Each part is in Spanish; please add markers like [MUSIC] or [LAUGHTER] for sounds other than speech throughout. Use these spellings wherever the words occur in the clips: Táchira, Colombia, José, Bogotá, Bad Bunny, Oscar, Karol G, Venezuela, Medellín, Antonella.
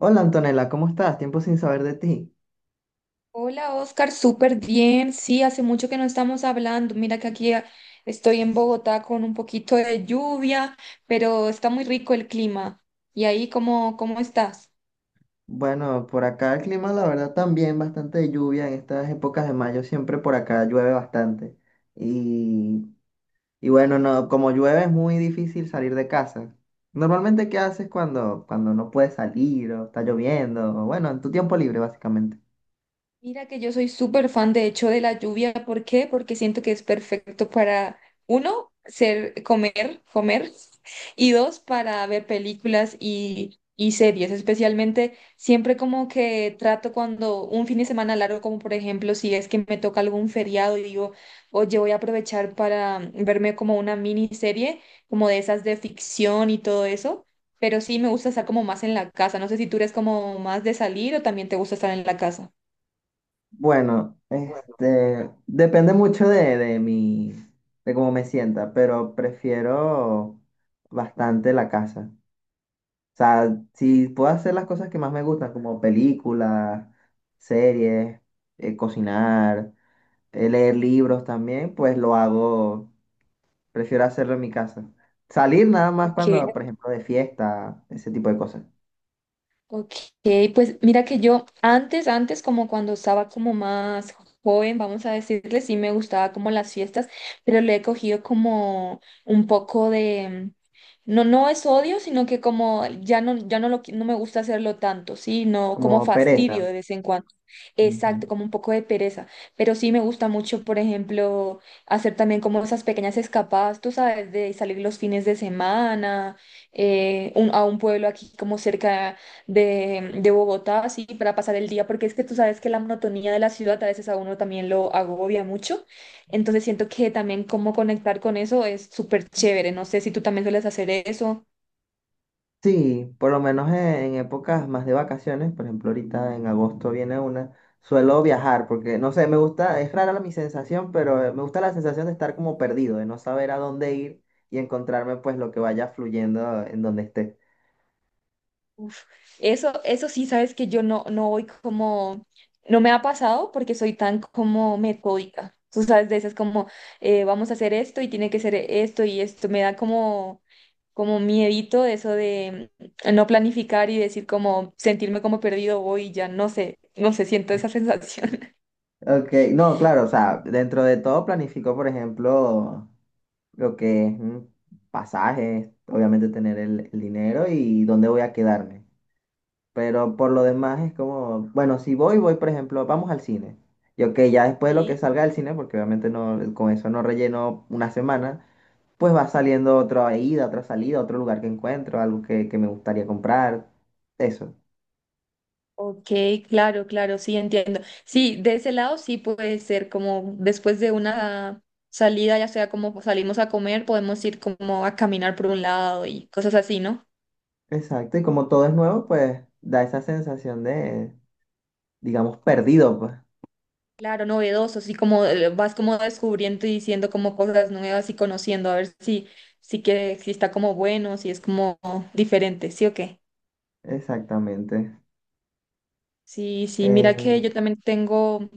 Hola Antonella, ¿cómo estás? Tiempo sin saber de ti. Hola Oscar, súper bien. Sí, hace mucho que no estamos hablando. Mira que aquí estoy en Bogotá con un poquito de lluvia, pero está muy rico el clima. ¿Y ahí cómo estás? Bueno, por acá el clima, la verdad, también bastante de lluvia. En estas épocas de mayo siempre por acá llueve bastante. Y, y bueno, no, como llueve es muy difícil salir de casa. Normalmente, ¿qué haces cuando no puedes salir o está lloviendo? O bueno, en tu tiempo libre, básicamente. Mira que yo soy súper fan, de hecho, de la lluvia. ¿Por qué? Porque siento que es perfecto para, uno, ser, comer, comer, [LAUGHS] y dos, para ver películas y series. Especialmente, siempre como que trato cuando un fin de semana largo, como por ejemplo, si es que me toca algún feriado y digo, oye, voy a aprovechar para verme como una miniserie, como de esas de ficción y todo eso. Pero sí me gusta estar como más en la casa. No sé si tú eres como más de salir o también te gusta estar en la casa. Bueno, depende mucho de cómo me sienta, pero prefiero bastante la casa. O sea, si puedo hacer las cosas que más me gustan, como películas, series, cocinar, leer libros también, pues lo hago, prefiero hacerlo en mi casa. Salir nada más Ok. cuando, por ejemplo, de fiesta, ese tipo de cosas, Ok, pues mira que yo antes como cuando estaba como más joven, vamos a decirle, sí me gustaba como las fiestas, pero le he cogido como un poco de, no, no es odio, sino que como no me gusta hacerlo tanto, sí, no, como como fastidio pereza. de vez en cuando. Exacto, Ujú. como un poco de pereza, pero sí me gusta mucho, por ejemplo, hacer también como esas pequeñas escapadas, tú sabes, de salir los fines de semana, a un pueblo aquí como cerca de Bogotá, así para pasar el día, porque es que tú sabes que la monotonía de la ciudad a veces a uno también lo agobia mucho. Entonces siento que también cómo conectar con eso es súper chévere. No sé si tú también sueles hacer eso. Sí, por lo menos en épocas más de vacaciones, por ejemplo, ahorita en agosto suelo viajar porque, no sé, me gusta, es rara mi sensación, pero me gusta la sensación de estar como perdido, de no saber a dónde ir y encontrarme pues lo que vaya fluyendo en donde esté. Uf, eso sí, sabes que yo no, no voy como, no me ha pasado porque soy tan como metódica. Tú sabes de esas como, vamos a hacer esto y tiene que ser esto y esto. Me da como miedito eso de no planificar y decir como, sentirme como perdido hoy, ya no sé, no sé, siento esa sensación. Ok, no, claro, o sea, dentro de todo planifico, por ejemplo, lo que es pasajes, obviamente tener el dinero y dónde voy a quedarme. Pero por lo demás es como, bueno, si voy, voy, por ejemplo, vamos al cine. Y ok, ya [LAUGHS] después de lo que Sí. salga del cine, porque obviamente no, con eso no relleno una semana, pues va saliendo otra ida, otra salida, otro lugar que encuentro, algo que me gustaría comprar. Eso. Ok, claro, claro, sí, entiendo. Sí, de ese lado sí puede ser como después de una salida, ya sea como salimos a comer, podemos ir como a caminar por un lado y cosas así, ¿no? Exacto. Y como todo es nuevo, pues da esa sensación de, digamos, perdido, pues. Claro, novedoso, sí, como vas como descubriendo y diciendo como cosas nuevas y conociendo, a ver si está como bueno, si es como diferente, ¿sí o qué? Exactamente. Sí, sí, mira que Eh, yo también tengo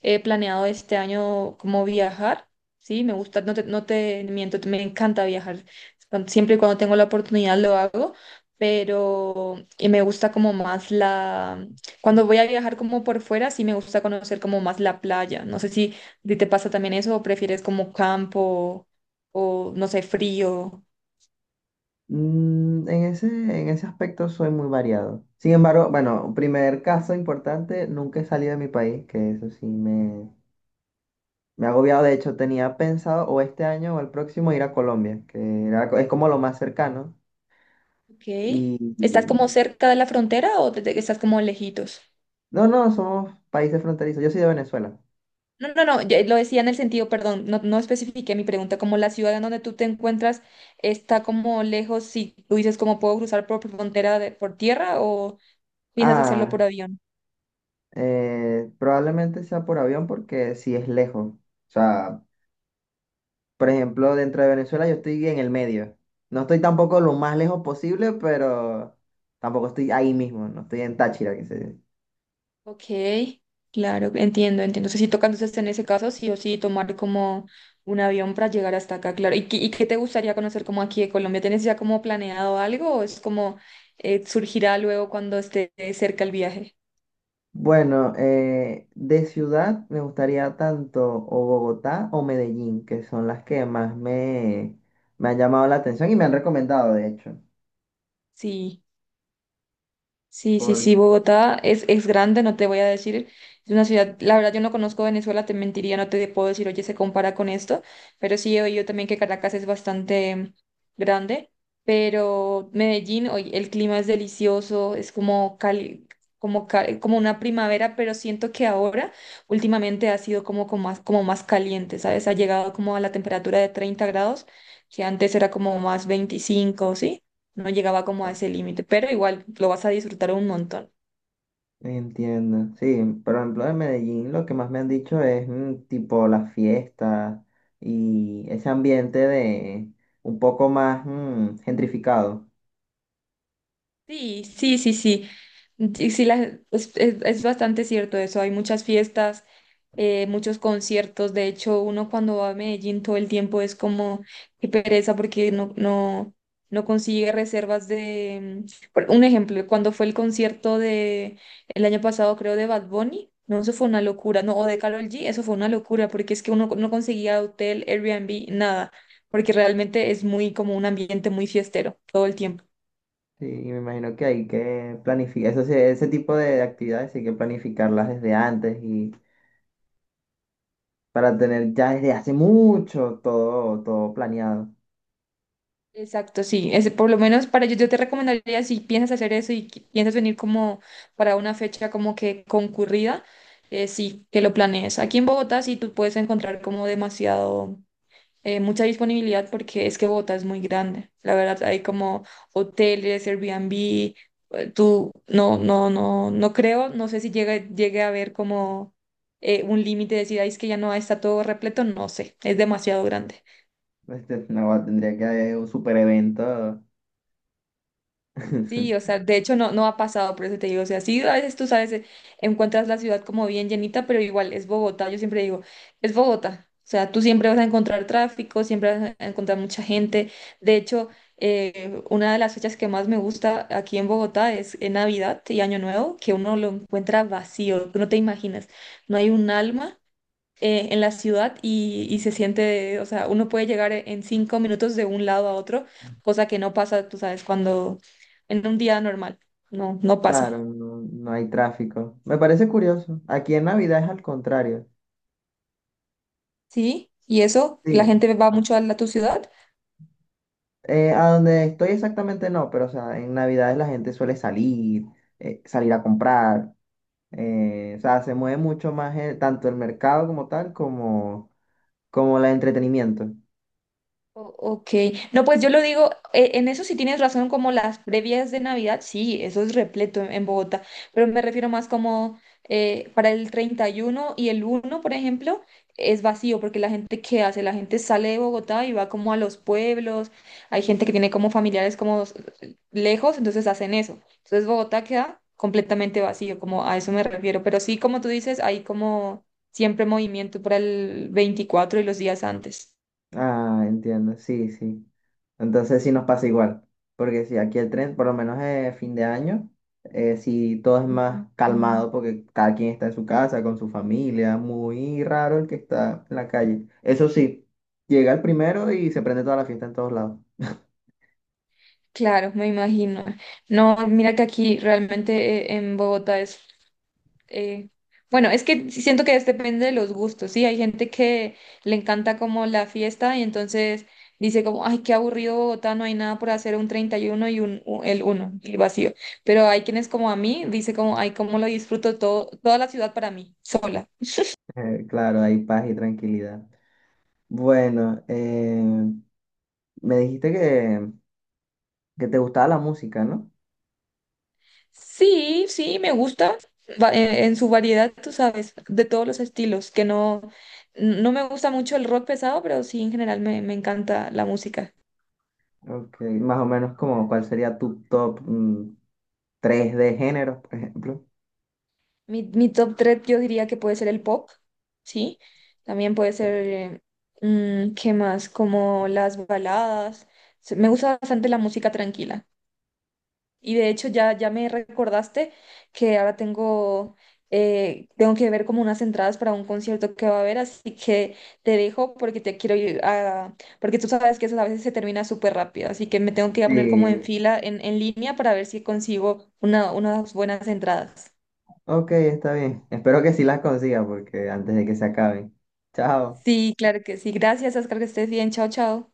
planeado este año como viajar, sí, me gusta, no te miento, me encanta viajar, cuan- siempre y cuando tengo la oportunidad lo hago, pero me gusta como más la, cuando voy a viajar como por fuera, sí me gusta conocer como más la playa, no sé si a ti te pasa también eso o prefieres como campo o no sé, frío. en ese aspecto soy muy variado. Sin embargo, bueno, primer caso importante, nunca he salido de mi país, que eso sí me ha agobiado. De hecho, tenía pensado o este año o el próximo ir a Colombia, es como lo más cercano. Ok, Y, ¿estás como y- cerca de la frontera o estás como lejitos? no, no, somos países fronterizos. Yo soy de Venezuela. No, no, no, yo lo decía en el sentido, perdón, no, no especifiqué mi pregunta, como la ciudad en donde tú te encuentras está como lejos, si tú dices cómo puedo cruzar por frontera por tierra o piensas hacerlo por Ah, avión. Probablemente sea por avión porque sí es lejos. O sea, por ejemplo, dentro de Venezuela yo estoy en el medio. No estoy tampoco lo más lejos posible, pero tampoco estoy ahí mismo, no estoy en Táchira, que se dice. Ok, claro, entiendo, entiendo. Entonces, si toca entonces en ese caso, sí o sí tomar como un avión para llegar hasta acá, claro. ¿Y qué te gustaría conocer como aquí de Colombia? ¿Tienes ya como planeado algo o es como surgirá luego cuando esté cerca el viaje? Bueno, de ciudad me gustaría tanto o Bogotá o Medellín, que son las que más me han llamado la atención y me han recomendado, de hecho. Sí. Sí, sí, Por, sí, Bogotá es grande, no te voy a decir, es una ciudad, la verdad yo no conozco Venezuela, te mentiría, no te puedo decir, oye, se compara con esto, pero sí he oído también que Caracas es bastante grande, pero Medellín, oye, el clima es delicioso, es como como una primavera, pero siento que ahora últimamente ha sido como, como más caliente, ¿sabes? Ha llegado como a la temperatura de 30 grados, que antes era como más 25, ¿sí? No llegaba como a ese límite, pero igual lo vas a disfrutar un montón. Entiendo, sí, por ejemplo, en Medellín lo que más me han dicho es tipo las fiestas y ese ambiente de un poco más gentrificado. Sí, sí, sí, sí. Y sí, es bastante cierto eso. Hay muchas fiestas, muchos conciertos. De hecho, uno cuando va a Medellín todo el tiempo es como qué pereza porque no consigue reservas de... por Un ejemplo, cuando fue el concierto de el año pasado, creo, de Bad Bunny, no, eso fue una locura. No, o de Karol G, eso fue una locura porque es que uno no conseguía hotel, Airbnb, nada, porque realmente es muy como un ambiente muy fiestero todo el tiempo. Sí, y me imagino que hay que planificar, eso sí, ese tipo de actividades hay que planificarlas desde antes y para tener ya desde hace mucho todo, todo planeado. Exacto, sí. Es, por lo menos para yo, yo te recomendaría si piensas hacer eso y piensas venir como para una fecha como que concurrida, sí, que lo planees. Aquí en Bogotá sí tú puedes encontrar como demasiado, mucha disponibilidad porque es que Bogotá es muy grande. La verdad, hay como hoteles, Airbnb, tú, no creo, no sé si llegue a haber como un límite de decir, "Ay, es que ya no está todo repleto, no sé, es demasiado grande". [LAUGHS] No, tendría que haber un super evento. Sí, o [LAUGHS] sea, de hecho no, no ha pasado, por eso te digo, o sea, sí, a veces tú sabes, encuentras la ciudad como bien llenita, pero igual es Bogotá, yo siempre digo, es Bogotá, o sea, tú siempre vas a encontrar tráfico, siempre vas a encontrar mucha gente, de hecho, una de las fechas que más me gusta aquí en Bogotá es en Navidad y Año Nuevo, que uno lo encuentra vacío, que no te imaginas, no hay un alma en la ciudad y se siente, o sea, uno puede llegar en 5 minutos de un lado a otro, cosa que no pasa, tú sabes, cuando en un día normal, no, no pasa. Claro, no, no hay tráfico. Me parece curioso. Aquí en Navidad es al contrario. Sí, y eso, la Sí. gente va mucho a la, tu ciudad. A donde estoy exactamente no, pero o sea, en Navidades la gente suele salir a comprar. O sea, se mueve mucho más tanto el mercado como tal como el entretenimiento. Ok, no, pues yo lo digo, en eso sí tienes razón, como las previas de Navidad, sí, eso es repleto en Bogotá, pero me refiero más como para el 31 y el uno por ejemplo, es vacío, porque la gente, ¿qué hace? La gente sale de Bogotá y va como a los pueblos, hay gente que tiene como familiares como lejos, entonces hacen eso, entonces Bogotá queda completamente vacío, como a eso me refiero, pero sí, como tú dices, hay como siempre movimiento para el 24 y los días antes. Ah, entiendo, sí, sí. Entonces sí nos pasa igual, porque si aquí el tren, por lo menos fin de año, si todo es más calmado porque cada quien está en su casa, con su familia, muy raro el que está en la calle. Eso sí, llega el primero y se prende toda la fiesta en todos lados. Claro, me imagino. No, mira que aquí realmente en Bogotá es, eh, bueno, es que sí siento que es- depende de los gustos, ¿sí? Hay gente que le encanta como la fiesta y entonces dice como, ay, qué aburrido Bogotá, no hay nada por hacer un 31 y uno y un, el uno, el vacío. Pero hay quienes como a mí, dice como, ay, cómo lo disfruto todo, toda la ciudad para mí, sola. Claro, hay paz y tranquilidad. Bueno, me dijiste que te gustaba la música, ¿no? Sí, sí, me gusta en su variedad, tú sabes, de todos los estilos, que no, no me gusta mucho el rock pesado, pero sí, en general me encanta la música. Ok, más o menos como cuál sería tu top 3 de géneros, por ejemplo. Mi top 3, yo diría que puede ser el pop, ¿sí? También puede ser, ¿qué más? Como las baladas. Me gusta bastante la música tranquila. Y de hecho ya me recordaste que ahora tengo, tengo que ver como unas entradas para un concierto que va a haber, así que te dejo porque te quiero ir a, porque tú sabes que eso a veces se termina súper rápido, así que me tengo que ir a poner como en Sí, fila, en línea para ver si consigo unas buenas entradas. ok, está bien. Espero que sí las consiga porque antes de que se acaben. Chao. Sí, claro que sí. Gracias, Oscar, que estés bien. Chao, chao.